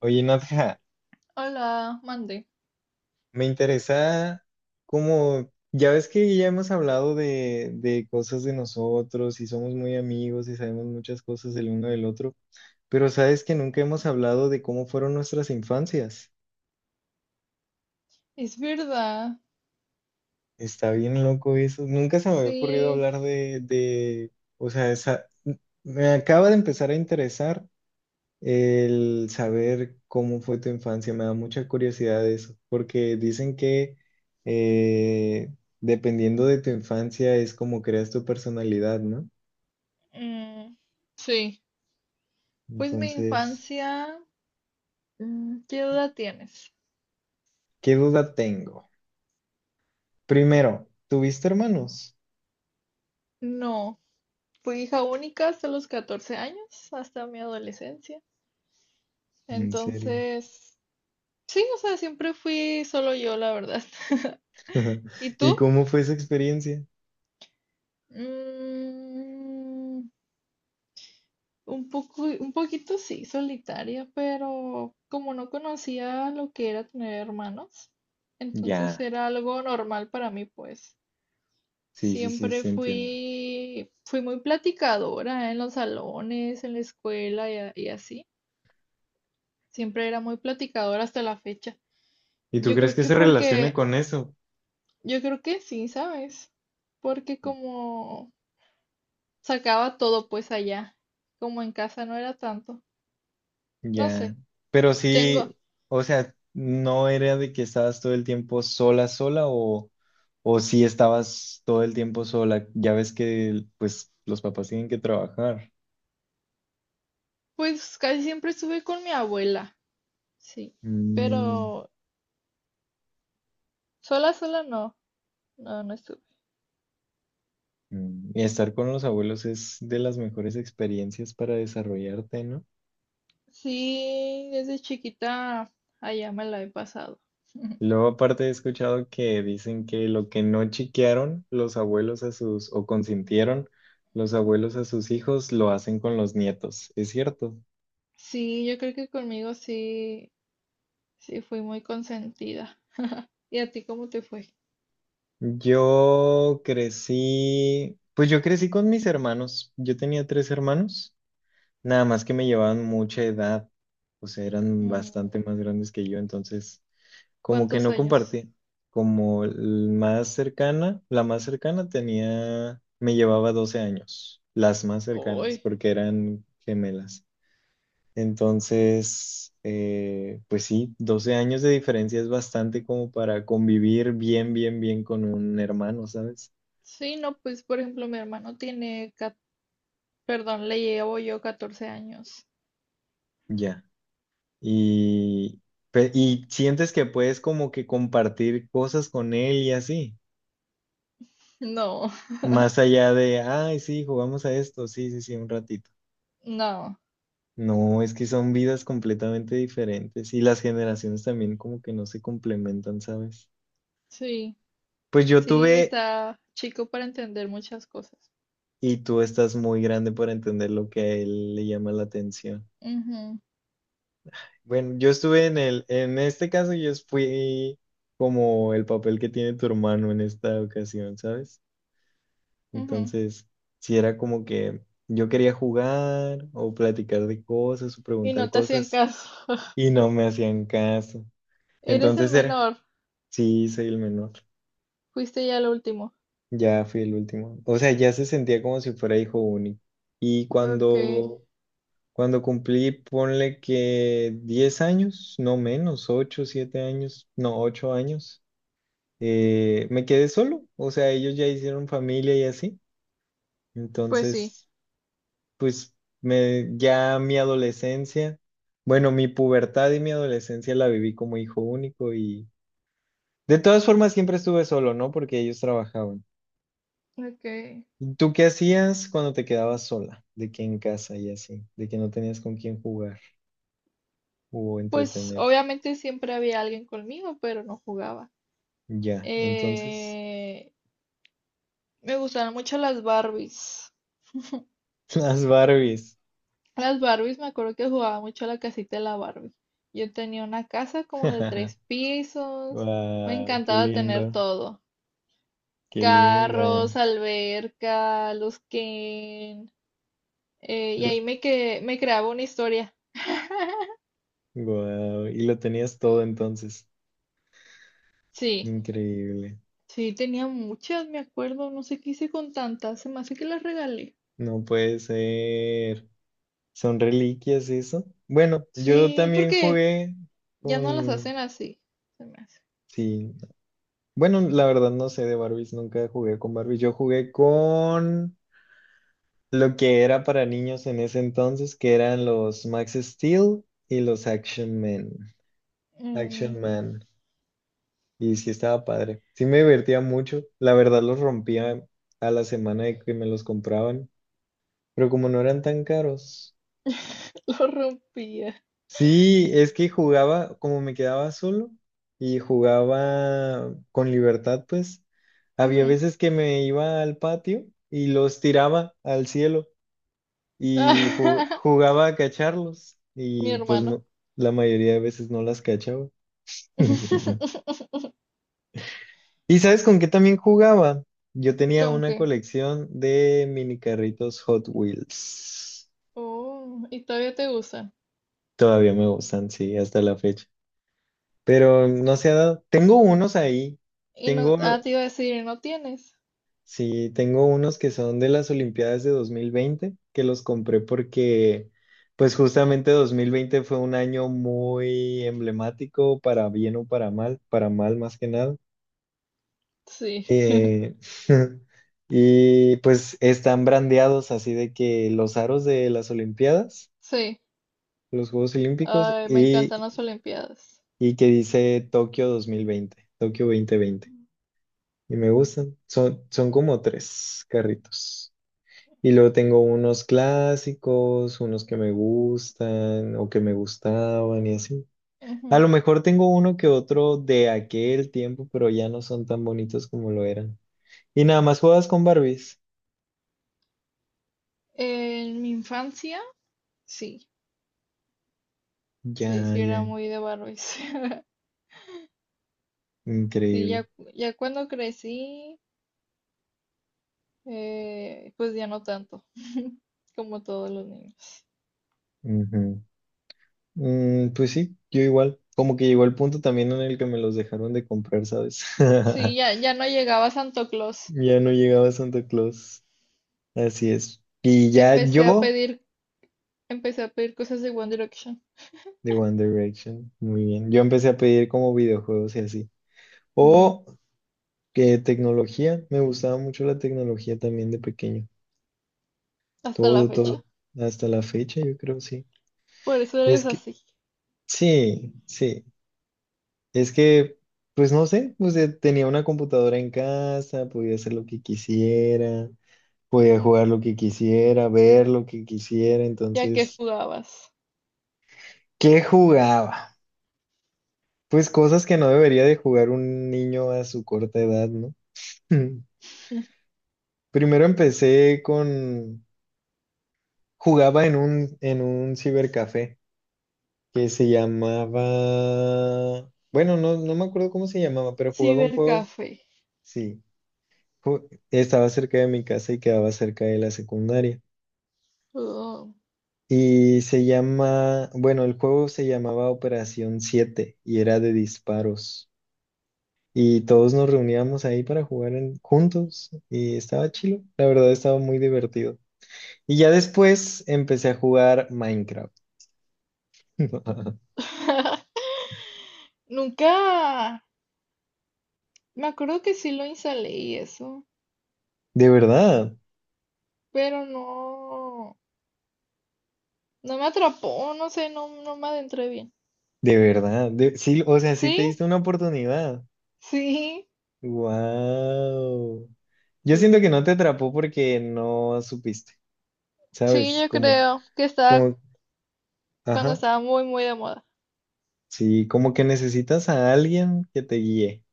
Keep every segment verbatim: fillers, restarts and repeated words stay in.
Oye, Nadja, Hola, mande. me interesa como, ya ves que ya hemos hablado de, de cosas de nosotros y somos muy amigos y sabemos muchas cosas del uno del otro, pero sabes que nunca hemos hablado de cómo fueron nuestras infancias. Es verdad, Está bien loco eso. Nunca se me había ocurrido sí, hablar de, de, o sea, esa, me acaba de empezar a interesar el saber cómo fue tu infancia, me da mucha curiosidad de eso, porque dicen que eh, dependiendo de tu infancia es como creas tu personalidad, ¿no? mm, sí. Pues mi Entonces, infancia, mm, ¿qué edad tienes? ¿qué duda tengo? Primero, ¿tuviste hermanos? No, fui hija única hasta los catorce años, hasta mi adolescencia. En serio. Entonces, sí, o sea, siempre fui solo yo, la verdad. ¿Y ¿Y tú? cómo fue esa experiencia? Mm, Un poco, un poquito sí, solitaria, pero como no conocía lo que era tener hermanos, entonces Ya, era algo normal para mí, pues. sí, sí, sí, Siempre sí, entiendo. fui, fui muy platicadora en los salones, en la escuela y, a- y así. Siempre era muy platicadora hasta la fecha. ¿Y tú Yo crees creo que que se relacione porque, con eso? yo creo que sí, ¿sabes? Porque como sacaba todo pues allá, como en casa no era tanto. No sé, Ya, pero tengo. sí, o sea, no era de que estabas todo el tiempo sola, sola, o, o sí estabas todo el tiempo sola. Ya ves que pues los papás tienen que trabajar. Pues casi siempre estuve con mi abuela, sí, Mm, pero sola, sola no, no, no estuve. mm, Y estar con los abuelos es de las mejores experiencias para desarrollarte, ¿no? Sí, desde chiquita allá me la he pasado. Luego aparte he escuchado que dicen que lo que no chiquearon los abuelos a sus, o consintieron los abuelos a sus hijos, lo hacen con los nietos. ¿Es cierto? Sí, yo creo que conmigo sí, sí fui muy consentida. ¿Y a ti cómo te fue? Yo crecí, pues yo crecí con mis hermanos. Yo tenía tres hermanos, nada más que me llevaban mucha edad, o sea, eran Mm, bastante más grandes que yo, entonces como que ¿Cuántos no años? compartí. Como el más cercana, la más cercana tenía, me llevaba doce años, las más cercanas, Uy, porque eran gemelas. Entonces, eh, pues sí, doce años de diferencia es bastante como para convivir bien, bien, bien con un hermano, ¿sabes? sí, no, pues por ejemplo mi hermano tiene, cat- perdón, le llevo yo catorce años. Ya. Y, pe- y sientes que puedes como que compartir cosas con él y así, No, más allá de, ay, sí, jugamos a esto, sí, sí, sí, un ratito. no, No, es que son vidas completamente diferentes y las generaciones también como que no se complementan, ¿sabes? sí, Pues yo sí, tuve, está chico para entender muchas cosas. y tú estás muy grande para entender lo que a él le llama la atención. Ujú, Bueno, yo estuve en el, en este caso yo fui como el papel que tiene tu hermano en esta ocasión, ¿sabes? ujú. Entonces, si era como que yo quería jugar o platicar de cosas o Y preguntar no te hacían cosas caso. y no me hacían caso. Eres Entonces el era, menor. sí, soy el menor. Fuiste ya el último. Ya fui el último. O sea, ya se sentía como si fuera hijo único. Y Ok, cuando, cuando cumplí, ponle que diez años, no, menos, ocho siete años, no, ocho años, eh, me quedé solo. O sea, ellos ya hicieron familia y así. pues sí. Entonces pues me, ya mi adolescencia, bueno, mi pubertad y mi adolescencia la viví como hijo único, y de todas formas siempre estuve solo, ¿no? Porque ellos trabajaban. Ok. ¿Y ¿tú qué hacías cuando te quedabas sola? De que en casa y así, de que no tenías con quién jugar o Pues entretenerte. obviamente siempre había alguien conmigo, pero no jugaba. Ya, entonces, Eh, me gustaban mucho las Barbies. las Barbies. Las Barbies, me acuerdo que jugaba mucho a la casita de la Barbie. Yo tenía una casa como de tres pisos. Me Wow, qué encantaba tener lindo, todo. qué Carros, linda. alberca, los que Eh, y ahí me, que, me creaba una historia. Wow, y lo tenías todo entonces. Sí, Increíble. sí, tenía muchas, me acuerdo. No sé qué hice con tantas. Se me hace que las regalé. No puede ser. Son reliquias eso. Bueno, yo Sí, también porque jugué ya no las con... hacen así. Se me hace. Sí. Bueno, la verdad no sé de Barbies, nunca jugué con Barbies. Yo jugué con lo que era para niños en ese entonces, que eran los Max Steel y los Action Men. Mm, Action Man. Y sí estaba padre. Sí me divertía mucho. La verdad los rompía a la semana de que me los compraban. Pero como no eran tan caros. lo rompía. Sí, es que jugaba, como me quedaba solo y jugaba con libertad, pues había Ujú. veces que me iba al patio y los tiraba al cielo y ju- jugaba a cacharlos Mi y pues hermano. no, la mayoría de veces no las cachaba. ¿Y sabes con qué también jugaba? Yo tenía ¿Con una qué? colección de mini carritos Hot Wheels. Oh, y todavía te usa. Todavía me gustan, sí, hasta la fecha. Pero no se ha dado. Tengo unos ahí, Y no, tengo, ah, te iba a decir, ¿y ¿no tienes? sí, tengo unos que son de las Olimpiadas de dos mil veinte, que los compré porque, pues justamente dos mil veinte fue un año muy emblemático, para bien o para mal, para mal más que nada. Sí, Eh, y pues están brandeados así de que los aros de las Olimpiadas, sí. los Juegos Olímpicos, Ay, me y, encantan las olimpiadas. y que dice Tokio dos mil veinte, Tokio dos mil veinte. Y me gustan. Son, son como tres carritos. Y luego tengo unos clásicos, unos que me gustan o que me gustaban y así. A Ujú. lo mejor tengo uno que otro de aquel tiempo, pero ya no son tan bonitos como lo eran. Y nada más juegas con Barbies. En mi infancia, sí. Sí, Ya, sí, ya. era muy de Barbies. Sí, Increíble. ya, ya cuando crecí, eh, pues ya no tanto, como todos los niños. Ujú. Mm, pues sí, yo igual. Como que llegó el punto también en el que me los dejaron de comprar, ¿sabes? Sí, ya, ya no llegaba a Santo Claus. Ya no llegaba Santa Claus. Así es. Y ya Empecé a yo pedir, empecé a pedir cosas de One Direction. de One Direction. Muy bien. Yo empecé a pedir como videojuegos y así. Mm, O que tecnología. Me gustaba mucho la tecnología también de pequeño. Hasta la Todo, fecha. todo. Hasta la fecha, yo creo, sí. Por eso Es eres que, así. sí, sí. Es que, pues no sé, pues eh, tenía una computadora en casa, podía hacer lo que quisiera, podía jugar lo que quisiera, ver lo que quisiera. Ya que Entonces, jugabas. ¿qué jugaba? Pues cosas que no debería de jugar un niño a su corta edad, ¿no? Primero empecé con, jugaba en un, en un, cibercafé que se llamaba, bueno, no, no me acuerdo cómo se llamaba, pero jugaba un juego, Cibercafé. sí, ju- estaba cerca de mi casa y quedaba cerca de la secundaria. Oh. Y se llama, bueno, el juego se llamaba Operación siete y era de disparos. Y todos nos reuníamos ahí para jugar en- juntos y estaba chido, la verdad estaba muy divertido. Y ya después empecé a jugar Minecraft. Nunca. Me acuerdo que sí lo instalé y eso, De verdad, pero no. No me atrapó, no sé, no, no me adentré bien. de verdad. De- sí, o sea, sí ¿Sí? te diste una oportunidad. Sí, Wow. Yo siento que sí. no te atrapó porque no supiste, Sí, ¿sabes? yo Como, creo que estaba como, cuando ajá. estaba muy, muy de moda. Sí, como que necesitas a alguien que te guíe.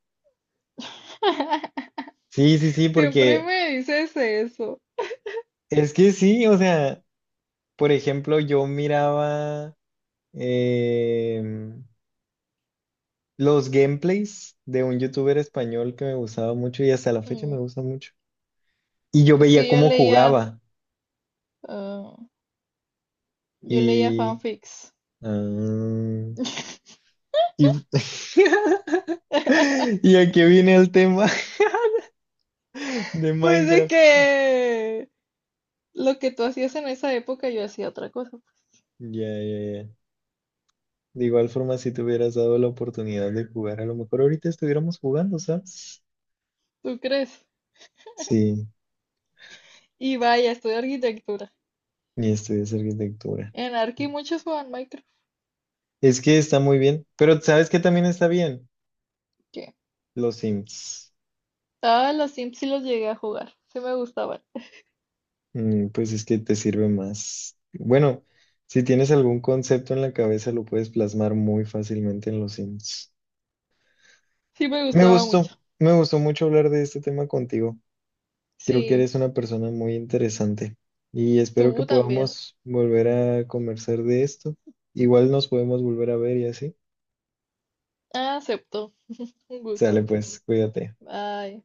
Sí, sí, sí, Siempre porque me dices eso. es que sí, o sea, por ejemplo, yo miraba em, los gameplays de un youtuber español que me gustaba mucho y hasta la fecha me Mm, gusta mucho. Y yo Es veía que yo cómo leía, jugaba. ah, yo leía Y, fanfics. ah, y, y aquí viene el tema de Pues de Minecraft. que... Lo que tú hacías en esa época, yo hacía otra cosa. Ya, ya, ya. De igual forma, si te hubieras dado la oportunidad de jugar, a lo mejor ahorita estuviéramos jugando, ¿sabes? ¿Tú crees? Sí, Y vaya, estudio arquitectura. y estudias arquitectura. En Arki muchos jugaban Minecraft. Es que está muy bien, pero ¿sabes qué también está bien? ¿Qué? Los Sims. Ah, los Sims sí los llegué a jugar. Sí me gustaban. Mm, pues es que te sirve más. Bueno, si tienes algún concepto en la cabeza, lo puedes plasmar muy fácilmente en los Sims. Sí, me Me gustaba gustó, mucho. me gustó mucho hablar de este tema contigo. Creo que Sí, eres una persona muy interesante y espero que tú también. podamos volver a conversar de esto. Igual nos podemos volver a ver y así. Ah, acepto. Un Sale gusto. pues, cuídate. Bye.